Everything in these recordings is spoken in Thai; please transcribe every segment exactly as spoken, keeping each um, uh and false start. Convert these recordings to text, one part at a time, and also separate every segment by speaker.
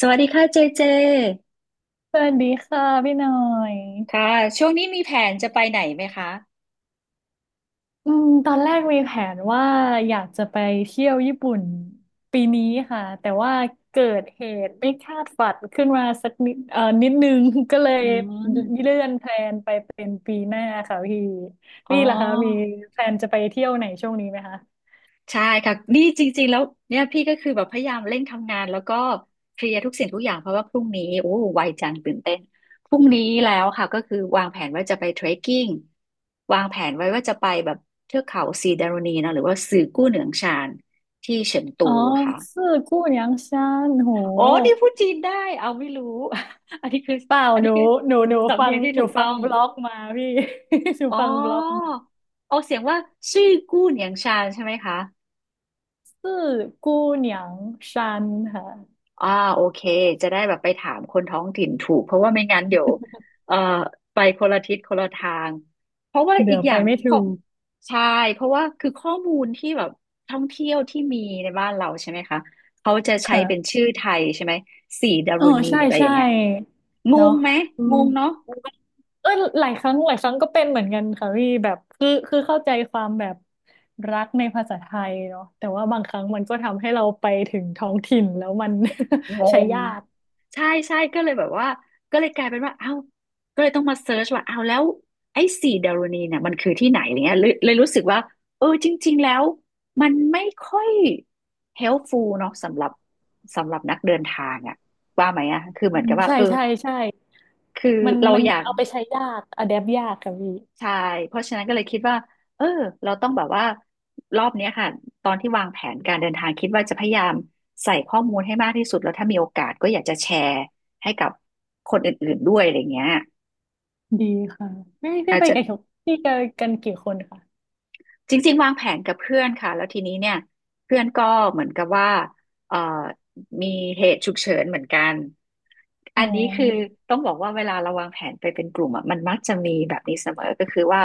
Speaker 1: สวัสดีค่ะเจเจ
Speaker 2: สวัสดีค่ะพี่หน่อย
Speaker 1: ค่ะช่วงนี้มีแผนจะไปไหนไหมคะ
Speaker 2: อืมตอนแรกมีแผนว่าอยากจะไปเที่ยวญี่ปุ่นปีนี้ค่ะแต่ว่าเกิดเหตุไม่คาดฝันขึ้นมาสักนิดเอ่อนิดนึง ก็เล
Speaker 1: อื
Speaker 2: ย
Speaker 1: ม
Speaker 2: เลื่อนแพลนไปเป็นปีหน้าค่ะพี่
Speaker 1: อ๋
Speaker 2: พี่ล่ะคะมี
Speaker 1: อ
Speaker 2: แพลนจะไปเที่ยวไหนช่วงนี้ไหมคะ
Speaker 1: ใช่ค่ะนี่จริงๆแล้วเนี่ยพี่ก็คือแบบพยายามเร่งทำงานแล้วก็เคลียร์ทุกสิ่งทุกอย่างเพราะว่าพรุ่งนี้โอ้ไวจังตื่นเต้นพรุ่งนี้แล้วค่ะก็คือวางแผนว่าจะไปเทรคกิ้งวางแผนไว้ว่าจะไปแบบเทือกเขาซีดารณีเนอะหรือว่าสื่อกู้เหนืองชานที่เฉิงตู
Speaker 2: อ๋อ
Speaker 1: อะค่ะ
Speaker 2: ซื่อกู้หยังชานโห
Speaker 1: โอ้นี่พูดจีนได้เอาไม่รู้ อันนี้คือ
Speaker 2: เปล่า
Speaker 1: อัน
Speaker 2: ห
Speaker 1: นี้
Speaker 2: นู
Speaker 1: คือ
Speaker 2: หนูหนู
Speaker 1: สำ
Speaker 2: ฟั
Speaker 1: เนี
Speaker 2: ง
Speaker 1: ยงที่
Speaker 2: ห
Speaker 1: ถู
Speaker 2: นู
Speaker 1: ก
Speaker 2: ฟั
Speaker 1: ต้อ
Speaker 2: ง
Speaker 1: ง
Speaker 2: บล็อกมาพี่ หนู
Speaker 1: อ๋
Speaker 2: ฟังบล็อก
Speaker 1: อ
Speaker 2: มา
Speaker 1: ออกเสียงว่าซื่อกู้เหนียงชานใช่ไหมคะ
Speaker 2: ซื่อกู้หนียางชันค่ะ
Speaker 1: อ่าโอเคจะได้แบบไปถามคนท้องถิ่นถูกเพราะว่าไม่งั้นเดี๋ยวเอ่อไปคนละทิศคนละทางเพราะว่าอี
Speaker 2: เดี๋ย
Speaker 1: ก
Speaker 2: ว
Speaker 1: อ
Speaker 2: ไป
Speaker 1: ย่าง
Speaker 2: ไม่
Speaker 1: ข้อ
Speaker 2: ถูก
Speaker 1: ใช่เพราะว่าคือข้อมูลที่แบบท่องเที่ยวที่มีในบ้านเราใช่ไหมคะเขาจะใช้เป็น
Speaker 2: ค่ะ
Speaker 1: ชื่อไทยใช่ไหมสีดา
Speaker 2: เออ
Speaker 1: รุณี
Speaker 2: ใช่
Speaker 1: อะไรอ
Speaker 2: ใช่
Speaker 1: ย่างเงี้ยง
Speaker 2: เนาะ
Speaker 1: งไหม
Speaker 2: อื
Speaker 1: ง
Speaker 2: ม
Speaker 1: งเนาะ
Speaker 2: เออหลายครั้งหลายครั้งก็เป็นเหมือนกันค่ะพี่แบบคือคือเข้าใจความแบบรักในภาษาไทยเนาะแต่ว่าบางครั้งมันก็ทำให้เราไปถึงท้องถิ่นแล้วมัน
Speaker 1: ง
Speaker 2: ใช้
Speaker 1: ง
Speaker 2: ยาก
Speaker 1: ใช่ใช่ก็เลยแบบว่าก็เลยกลายเป็นว่าเอ้าก็เลยต้องมาเซิร์ชว่าเอ้าแล้วไอ้สีดาโรนีเนี่ยมันคือที่ไหนอะไรเงี้ยเลยเลยรู้สึกว่าเออจริงๆแล้วมันไม่ค่อยเฮล p ฟูลเนาะสำหรับสำหรับนักเดินทางอะว่าไหมอะคือเห
Speaker 2: อื
Speaker 1: มือน
Speaker 2: ม
Speaker 1: กับว่า
Speaker 2: ใช่
Speaker 1: เออ
Speaker 2: ใช่ใช่
Speaker 1: คือ
Speaker 2: มัน
Speaker 1: เรา
Speaker 2: มัน
Speaker 1: อยาก
Speaker 2: เอาไปใช้ยากอะแดปยากค่ะพี่
Speaker 1: ใช่ เพราะฉะนั้นก็เลยคิดว่าเออเราต้องแบบว่ารอบเนี้ยค่ะ ตอนที่วางแผนการเดินทางคิดว่าจะพยายามใส่ข้อมูลให้มากที่สุด แล้วถ้ามีโอกาสก็อยากจะแชร์ให้กับคนอื่นๆด้วยอะไรเงี้ย
Speaker 2: ดีค่ะพี่พี่
Speaker 1: อาจ
Speaker 2: ไป
Speaker 1: จะ
Speaker 2: กันพี่กันกันกี่คนค่ะ
Speaker 1: จริงๆวางแผนกับเพื่อนค่ะแล้วทีนี้เนี่ยเพื่อนก็เหมือนกับว่าเอ่อมีเหตุฉุกเฉินเหมือนกัน
Speaker 2: อ๋
Speaker 1: อันนี้คือ
Speaker 2: อ
Speaker 1: ต้องบอกว่าเวลาเราวางแผนไปเป็นกลุ่มอ่ะมันมักจะมีแบบนี้เสมอก็คือว่า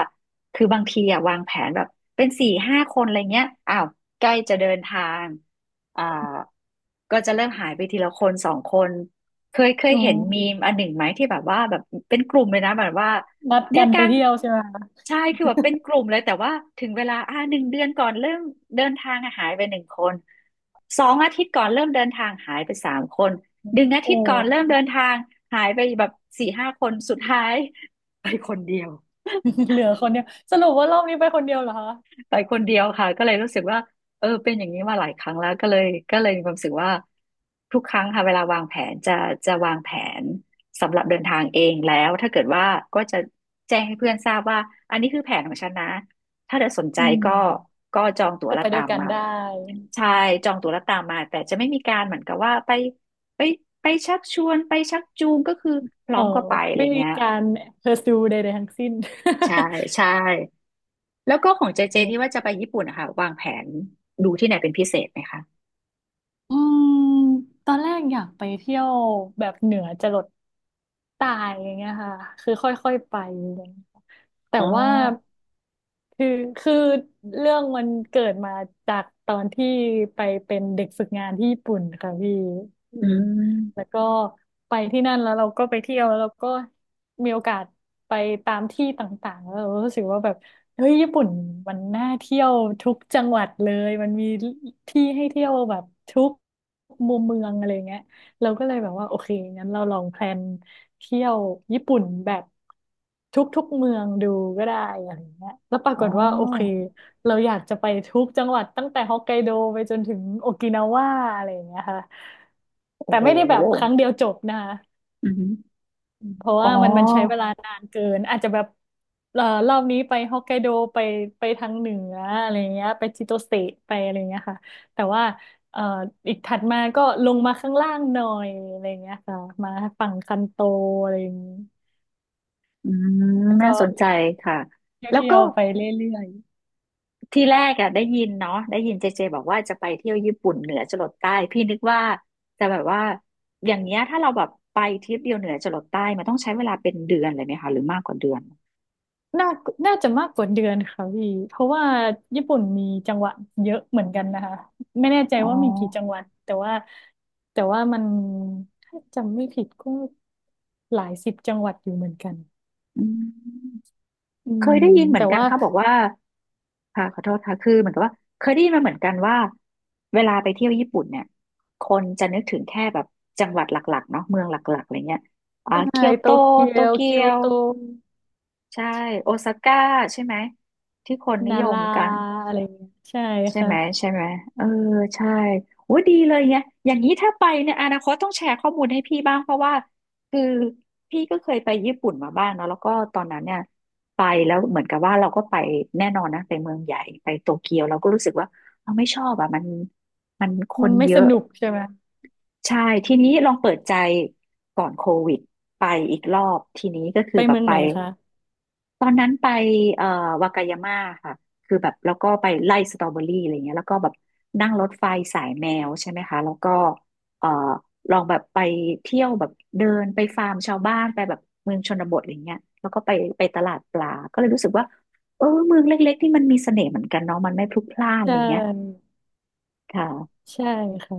Speaker 1: คือบางทีอ่ะวางแผนแบบเป็นสี่ห้าคนอะไรเงี้ยอ้าวใกล้จะเดินทางอ่าก็จะเริ่มหายไปทีละคนสองคนเคยเค
Speaker 2: อ๋
Speaker 1: ย
Speaker 2: อ
Speaker 1: เห็นมีมอันหนึ่งไหมที่แบบว่าแบบเป็นกลุ่มเลยนะแบบว่า
Speaker 2: นัด
Speaker 1: เดี
Speaker 2: กั
Speaker 1: ยว
Speaker 2: นไป
Speaker 1: กัน
Speaker 2: เที่ยวใช่ไหมคะ
Speaker 1: ใช่คือแบบเป็นกลุ่มเลยแต่ว่าถึงเวลาอ่าหนึ่งเดือนก่อนเริ่มเดินทางอะหายไปหนึ่งคนสองอาทิตย์ก่อนเริ่มเดินทางหายไปสามคนหนึ่งอา
Speaker 2: โอ
Speaker 1: ทิตย์ก่อนเริ่ม
Speaker 2: ้
Speaker 1: เดินทางหายไปแบบสี่ห้าคนสุดท้าย ไปคนเดียว
Speaker 2: เหลือคนเดียวสรุปว่ารอบนี้ไปคนเดียวเหรอคะ
Speaker 1: ไปคนเดียวค่ะก็เลยรู้สึกว่าเออเป็นอย่างนี้มาหลายครั้งแล้วก็เลยก็เลยมีความรู้สึกว่าทุกครั้งค่ะเวลาวางแผนจะจะวางแผนสำหรับเดินทางเองแล้วถ้าเกิดว่าก็จะแจ้งให้เพื่อนทราบว่าอันนี้คือแผนของฉันนะถ้าเธอสนใจ
Speaker 2: อืม
Speaker 1: ก็ก็จองตั๋ว
Speaker 2: ก็
Speaker 1: และ
Speaker 2: ไปด้ว
Speaker 1: ตา
Speaker 2: ย
Speaker 1: ม
Speaker 2: กัน
Speaker 1: มา
Speaker 2: ได้
Speaker 1: ใช่
Speaker 2: อืม
Speaker 1: จองตั๋วและตามมาแต่จะไม่มีการเหมือนกับว่าไปไปไปชักชวนไปชักจูงก็คือพร้
Speaker 2: เอ
Speaker 1: อ
Speaker 2: อ
Speaker 1: มก็ไปอะไร
Speaker 2: ไม่มี
Speaker 1: เงี้ย
Speaker 2: การ pursue ใดๆทั้งสิ้น
Speaker 1: ใช่ใช่ แล้วก็ของเจเจที่ว่าจะไป ญี่ปุ่นนะคะวางแผนดูที่ไหนเป็นพิเศษไหมคะ
Speaker 2: อืมตอนแรกอยากไปเที่ยวแบบเหนือจรด ตายอย่างเงี้ยค่ะคือค่อยๆไปอย่างเงี้ยแต่
Speaker 1: อ๋อ
Speaker 2: ว่าคือคือเรื่องมันเกิดมาจากตอนที่ไปเป็นเด็กฝึกงานที่ญี่ปุ่นค่ะพี่อื
Speaker 1: อื
Speaker 2: มแล้ว
Speaker 1: ม
Speaker 2: ก็ไปที่นั่นแล้วเราก็ไปเที่ยวแล้วเราก็มีโอกาสไปตามที่ต่างๆแล้วเรารู้สึกว่าแบบเฮ้ยญี่ปุ่นมันน่าเที่ยวทุกจังหวัดเลยมันมีที่ให้เที่ยวแบบทุกมุมเมืองอะไรเงี้ย เราก็เลยแบบว่าโอเคงั้นเราลองแพลนเที่ยวญี่ปุ่นแบบทุกๆเมืองดูก็ได้อะไรเงี้ยแล้วปรา
Speaker 1: อ๋
Speaker 2: กฏว่าโอเค
Speaker 1: อ
Speaker 2: เราอยากจะไปทุกจังหวัดตั้งแต่ฮอกไกโดไปจนถึงโอกินาวาอะไรอย่างเงี้ยค่ะ
Speaker 1: โอ้
Speaker 2: แต่
Speaker 1: โห
Speaker 2: ไม่ได้แบบครั้งเดียวจบนะคะ
Speaker 1: อืม
Speaker 2: เพราะ
Speaker 1: อ๋
Speaker 2: ว่ามันมันใช้เว
Speaker 1: อ
Speaker 2: ลานานเกินอาจจะแบบเอ่อรอบนี้ไปฮอกไกโดไปไปทางเหนืออะไรเงี้ยไปจิโตเซะไปอะไรเงี้ยค่ะแต่ว่าเอ่ออีกถัดมาก็ลงมาข้างล่างหน่อยอะไรเงี้ยค่ะมาฝั่งคันโตอะไรอย่างงี้
Speaker 1: อืม
Speaker 2: แล้ว
Speaker 1: น่า
Speaker 2: ก็
Speaker 1: สนใจค่ะ
Speaker 2: เท
Speaker 1: แล้ว
Speaker 2: ี่
Speaker 1: ก็
Speaker 2: ยวๆไปเรื่อย
Speaker 1: ทีแรกอะได้ยินเนาะได้ยินเจเจบอกว่าจะไปเที่ยวญี่ปุ่นเหนือจรดใต้พี่นึกว่าจะแบบว่าอย่างเนี้ยถ้าเราแบบไปทริปเดียวเหนือจรดใต้มันต้องใช้เวลาเป็นเดือนเลยไหมคะหรือมากกว่าเดือน
Speaker 2: น่าน่าจะมากกว่าเดือนค่ะพี่เพราะว่าญี่ปุ่นมีจังหวัดเยอะเหมือนกันนะคะไม่แน่ใจ
Speaker 1: อ๋
Speaker 2: ว่ามีกี่จั
Speaker 1: อ
Speaker 2: งหวัดแต่ว่าแต่ว่ามันถ้าจำไม่ผิดก็หลายสิบจังหวัดอยู่เหมือนกัน
Speaker 1: อืม
Speaker 2: อื
Speaker 1: เค
Speaker 2: ม
Speaker 1: ยได้ยินเหมือ
Speaker 2: แต่
Speaker 1: นกัน
Speaker 2: ว่า
Speaker 1: เขาบอกว่าค่ะขอโทษค่ะคือเหมือนกับว่าเคยได้ยินมาเหมือนกันว่าเวลาไปเที่ยวญี่ปุ่นเนี่ย คนจะนึกถึงแค่แบบจังหวัดหลักๆเนาะเมืองหลักๆอะไรเงี้ยอ่า
Speaker 2: ใช่
Speaker 1: เกียว
Speaker 2: โต
Speaker 1: โต
Speaker 2: เกี
Speaker 1: โต
Speaker 2: ยว
Speaker 1: เกี
Speaker 2: เกี
Speaker 1: ย
Speaker 2: ยว
Speaker 1: ว
Speaker 2: โต
Speaker 1: ใช่ โอซาก้าใช่ไหม ที่คนนิ
Speaker 2: นา
Speaker 1: ยม
Speaker 2: รา
Speaker 1: กัน
Speaker 2: อะไรอย่างเงี้ยใช่
Speaker 1: ใช่ไหม
Speaker 2: ค่ะ
Speaker 1: ใช่ไหมเออใช่โอ้ดีเลยเนี่ยอย่างนี้ถ้าไปเนี่ยอนาคตต้องแชร์ข้อมูลให้พี่บ้างเพราะว่าคือพี่ก็เคยไปญี่ปุ่นมาบ้างเนาะแล้วก็ตอนนั้นเนี่ยไปแล้วเหมือนกับว่าเราก็ไปแน่นอนนะไปเมืองใหญ่ไปโตเกียวเราก็รู้สึกว่าเราไม่ชอบอ่ะมันมันค
Speaker 2: มั
Speaker 1: น
Speaker 2: นไม่
Speaker 1: เย
Speaker 2: ส
Speaker 1: อะ
Speaker 2: นุกใช่ไหม
Speaker 1: ใช่ทีนี้ลองเปิดใจก่อนโควิดไปอีกรอบทีนี้ก็คื
Speaker 2: ไป
Speaker 1: อแบบ
Speaker 2: เมือง
Speaker 1: ไป
Speaker 2: ไหนคะ
Speaker 1: ตอนนั้นไปเอ่อวากายาม่าค่ะคือแบบแล้วก็ไปไล่สตรอเบอรี่อะไรเงี้ยแล้วก็แบบนั่งรถไฟสายแมวใช่ไหมคะแล้วก็เอ่อลองแบบไปเที่ยวแบบเดินไปฟาร์มชาวบ้านไปแบบเมืองชนบทอะไรเงี้ยแล้วก็ไปไปตลาดปลาก็เลยรู้สึกว่าเออเมืองเล็กๆที่มันมีเสน่ห์เหมือนกันเนาะมันไม่พลุกพล่าน
Speaker 2: ใช
Speaker 1: อะไรเงี้ย
Speaker 2: ่
Speaker 1: ค่ะ
Speaker 2: ใช่ค่ะ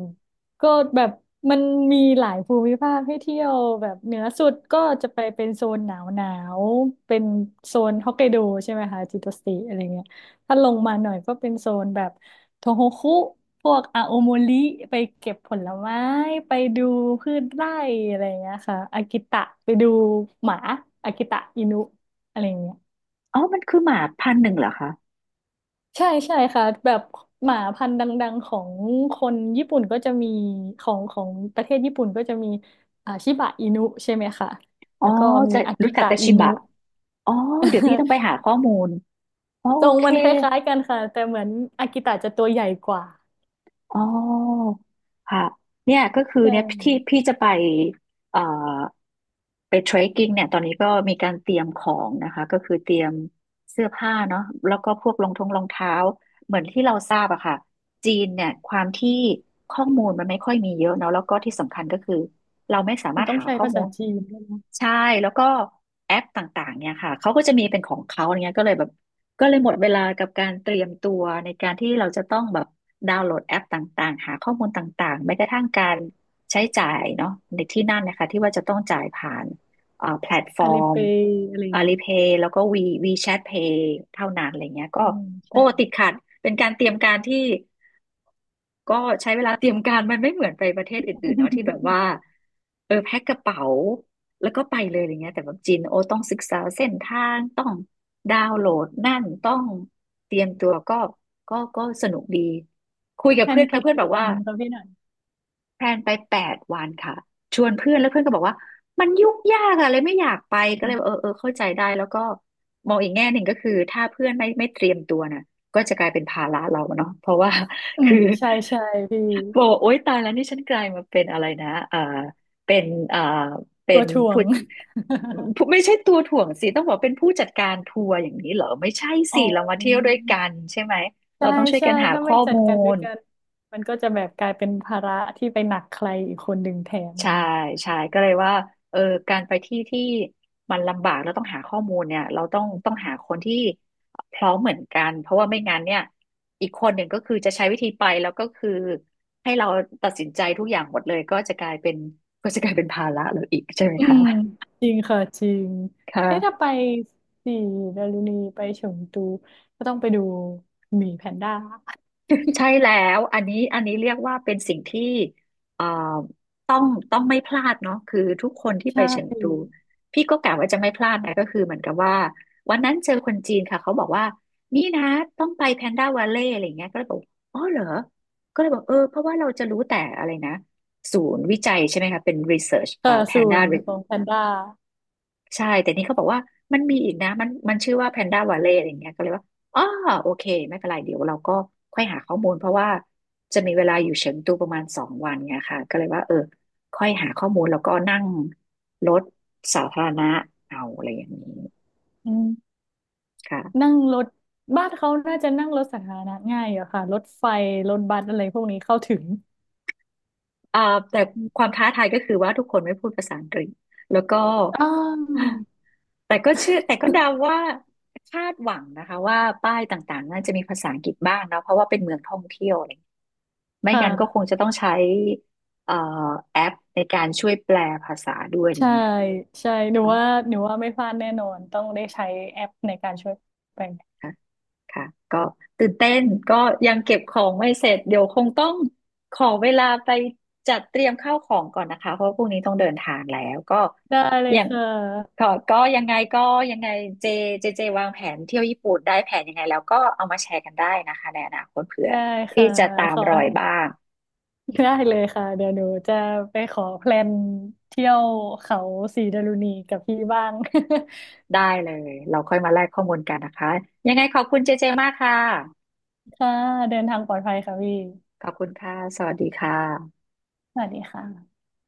Speaker 2: ก็แบบมันมีหลายภูมิภาคให้เที่ยวแบบเหนือสุดก็จะไปเป็นโซนหนาวหนาวเป็นโซนฮอกไกโดใช่ไหมคะจิโตสติอะไรเงี้ยถ้าลงมาหน่อยก็เป็นโซนแบบโทโฮคุพวกอาโอโมริไปเก็บผลไม้ไปดูพืชไร่อะไรเงี้ยค่ะอากิตะไปดูหมาอากิตะอินุอะไรเงี้ย
Speaker 1: อ๋อมันคือหมาพันธุ์หนึ่งเหรอคะ
Speaker 2: ใช่ใช่ค่ะแบบหมาพันธุ์ดังๆของคนญี่ปุ่นก็จะมีของของประเทศญี่ปุ่นก็จะมีอ่าชิบะอินุใช่ไหมคะ
Speaker 1: อ๋อ
Speaker 2: แล้วก็มี
Speaker 1: จะ
Speaker 2: อากิ
Speaker 1: รู้จัก
Speaker 2: ตะ
Speaker 1: แต่
Speaker 2: อิ
Speaker 1: ชิ
Speaker 2: นุ
Speaker 1: บะอ๋อเดี๋ยวพี่ต้องไปหา ข้อมูลอ๋อ
Speaker 2: ท
Speaker 1: โอ
Speaker 2: รง
Speaker 1: เค
Speaker 2: มันคล้ายๆกันค่ะแต่เหมือนอากิตะจะตัวใหญ่กว่า
Speaker 1: อ๋อค่ะเนี่ยก็คื
Speaker 2: ใ
Speaker 1: อเนี่ยที่
Speaker 2: ช่
Speaker 1: พี่จะไปเอ่อไปเทรคกิ้งเนี่ยตอนนี้ก็มีการเตรียมของนะคะก็คือเตรียมเสื้อผ้าเนาะแล้วก็พวกรองทงรองเท้าเหมือนที่เราทราบอะค่ะจีนเนี่ยความที่ข้อมูลมันไม่ค่อยมีเยอะเนาะแล้วก็ที่สำคัญก็คือเราไม่สา
Speaker 2: มั
Speaker 1: มาร
Speaker 2: น
Speaker 1: ถ
Speaker 2: ต้อง
Speaker 1: หา
Speaker 2: ใช้
Speaker 1: ข้อ
Speaker 2: ภาษา
Speaker 1: มูล
Speaker 2: จีนด้วยนะ
Speaker 1: ใช่แล้วก็แอปต่างๆเนี่ยค่ะเขาก็จะมีเป็นของเขาอย่างเงี้ยก็เลยแบบ ก็เลยหมดเวลากับการเตรียมตัวในการที่เราจะต้องแบบดาวน์โหลดแอปต่างๆหาข้อมูลต่างๆแม้กระทั่งการใช้จ่ายเนาะในที่นั่นนะคะที่ว่าจะต้องจ่ายผ่านเอ่อแพลตฟอ
Speaker 2: อาลี
Speaker 1: ร์
Speaker 2: เป
Speaker 1: ม
Speaker 2: ย์อะไรอย่างนี้
Speaker 1: อาลีเพย์ แล้วก็ V วีแชทเพย์ เท่านั้นอะไรเงี้ยก็
Speaker 2: อืม
Speaker 1: โอ้
Speaker 2: ใช่
Speaker 1: ติดขัดเป็นการเตรียมการที่ ก็ใช้เวลาเตรียมการ มันไม่เหมือนไปประเทศอื่นๆเนาะที่แบบ ว่าเออแพ็คกระเป๋าแล้วก็ไปเลยอะไรเงี้ยแต่แบบจีนโอต้องศึกษาเส้นทางต้องดาวน์โหลดนั่นต้องเตรียมตัวก็ก็ก็สนุกดีคุยกับ
Speaker 2: แพล
Speaker 1: เพื่
Speaker 2: น
Speaker 1: อน
Speaker 2: ไป
Speaker 1: ค่ะเพื่อน
Speaker 2: กี่
Speaker 1: บอก
Speaker 2: วั
Speaker 1: ว่า
Speaker 2: นคะพี่หน่อย
Speaker 1: แพลนไปแปดวันค่ะชวนเพื่อนแล้วเพื่อนก็บอกว่ามันยุ่งยากอะเลยไม่อยากไปก็เลยเออเออเข้าใจได้แล้วก็มองอีกแง่หนึ่งก็คือถ้าเพื่อนไม่ไม่เตรียมตัวน่ะก็จะกลายเป็นภาระเราเนาะเพราะว่า
Speaker 2: อื ม
Speaker 1: คือ
Speaker 2: ใช่ใช่พี่
Speaker 1: บอกว่าโอ๊ยตายแล้วนี่ฉันกลายมาเป็นอะไรนะเออเป็นเออเป็
Speaker 2: ตัว
Speaker 1: น
Speaker 2: ถ่ว
Speaker 1: ผู้
Speaker 2: ง
Speaker 1: ผู้ไม่ใช่ตัวถ่วงสิต้องบอกเป็นผู้จัดการทัวร์อย่างนี้เหรอไม่ใช่
Speaker 2: อ๋อ
Speaker 1: สิเรามาเที่ยวด้วยกันใช่ไหมเรา
Speaker 2: ใช่
Speaker 1: ต้องช่วย
Speaker 2: ใช่
Speaker 1: กันหา
Speaker 2: ถ้าไม่
Speaker 1: ข้อ
Speaker 2: จัด
Speaker 1: มู
Speaker 2: การด้ว
Speaker 1: ล
Speaker 2: ยกันมันก็จะแบบกลายเป็นภาระที่ไปหนักใครอีกคนหนึ่งแทนมั
Speaker 1: ใช่
Speaker 2: น
Speaker 1: ใช่ก็เลยว่าเออการไปที่ที่มันลำบากแล้วต้องหาข้อมูลเนี่ยเราต้องต้องหาคนที่พร้อมเหมือนกันเพราะว่าไม่งั้นเนี่ยอีกคนหนึ่งก็คือจะใช้วิธีไปแล้วก็คือให้เราตัดสินใจทุกอย่างหมดเลยก็จะกลายเป็นก็จะกลายเป็นภาระเราอีกใช่ไหม
Speaker 2: อื
Speaker 1: คะ
Speaker 2: มจริงค่ะจริงเอ๊ะถ้า
Speaker 1: ค่ะ
Speaker 2: ไปสี่ดารุณีไปเฉิงตูก็ต้องไปดูหมีแพนด้า
Speaker 1: ใช่ แล้วอันนี้อันนี้เรียกว่าเป็นสิ่งที่เอ่อต้องต้องไม่พลาดเนาะคือทุกคนที่
Speaker 2: ใช
Speaker 1: ไปเฉิงตู
Speaker 2: ่
Speaker 1: พี่ก็กะว่าจะไม่พลาดนะก็คือเหมือนกับว่าวันนั้นเจอคนจีนค่ะเขาบอกว่านี่นะต้องไปแพนด้าวาเล่อะไรอย่างเงี้ยก็เลยบอกอ๋อเหรอก็เลยบอกเออเพราะว่าเราจะรู้แต่อะไรนะศูนย์วิจัยใช่ไหมคะเป็น รีเสิร์ช เอ่อ
Speaker 2: ค่ะศู
Speaker 1: แพนด้า
Speaker 2: นย์ของแพนด้า
Speaker 1: ใช่แต่นี่เขาบอกว่ามันมีอีกนะมันมันชื่อว่าแพนด้าวาเล่อะไรอย่างเงี้ยก็เลยว่าอ๋อโอเคไม่เป็นไรเดี๋ยวเราก็ค่อยหาข้อมูลเพราะว่าจะมีเวลาอยู่เฉิงตูประมาณสองวันไงค่ะก็เลยว่าเออค่อยหาข้อมูลแล้วก็นั่งรถสาธารณะเอาอะไรอย่างนี้
Speaker 2: อืม
Speaker 1: ค่ะ
Speaker 2: นั่งรถบ้านเขาน่าจะนั่งรถสาธารณะง่ายอะค่ะรถไฟรถบัสอะไรพวกนี้เข้าถึง
Speaker 1: อ่าแต่
Speaker 2: อ
Speaker 1: ควา
Speaker 2: ม
Speaker 1: มท้าทายก็คือว่าทุกคนไม่พูดภาษาอังกฤษแล้วก็
Speaker 2: อาว
Speaker 1: แต่ก็เชื่อแต่ก็เดาว่าคาดหวังนะคะว่าป้ายต่างๆน่าจะมีภาษาอังกฤษบ้างนะเพราะว่าเป็นเมืองท่องเที่ยวอะไร ไม่
Speaker 2: ค
Speaker 1: งั้นก็คง
Speaker 2: ่ะ
Speaker 1: จะต้องใช้เอ่อแอปในการช่วยแปลภาษาด้วยอ
Speaker 2: ใช่
Speaker 1: ย่างเงี้ย
Speaker 2: ใช่หนู
Speaker 1: เนาะ
Speaker 2: ว่าหนูว่าไม่พลาดแน่นอนต้องได้ใช้แอปในการช่วยแปล
Speaker 1: ค่ะค่ะก็ตื่นเต้นก็ยังเก็บของไม่เสร็จเดี๋ยวคงต้องขอเวลาไปจัดเตรียมข้าวของก่อนนะคะเพราะพรุ่งนี้ต้องเดินทางแล้วก็
Speaker 2: ได้เล
Speaker 1: อ
Speaker 2: ย
Speaker 1: ย่าง
Speaker 2: ค่
Speaker 1: ก็
Speaker 2: ะ
Speaker 1: ก็ยังไงก็ยังไงเจเจเจวางแผนเที่ยวญี่ปุ่นได้แผนยังไงแล้วก็เอามาแชร์กันได้นะคะในอนาคตเผื่อ
Speaker 2: ได้
Speaker 1: พี่
Speaker 2: ค่ะ
Speaker 1: จะตา
Speaker 2: ข
Speaker 1: ม
Speaker 2: อ
Speaker 1: รอยบ้าง
Speaker 2: ได้เลยค่ะเดี๋ยวหนูจะไปขอแพลนเที่ยวเขาสีดารุณีกับพี่บ้าง
Speaker 1: ได้เลยเราค่อยมาแลกข้อมูลกันนะคะยังไงขอบคุณเจเจมากค่ะ
Speaker 2: ค่ะเดินทางปลอดภัยค่ะพี่
Speaker 1: ขอบคุณค่ะ สวัสดีค่ะ
Speaker 2: สวัสดีค่ะ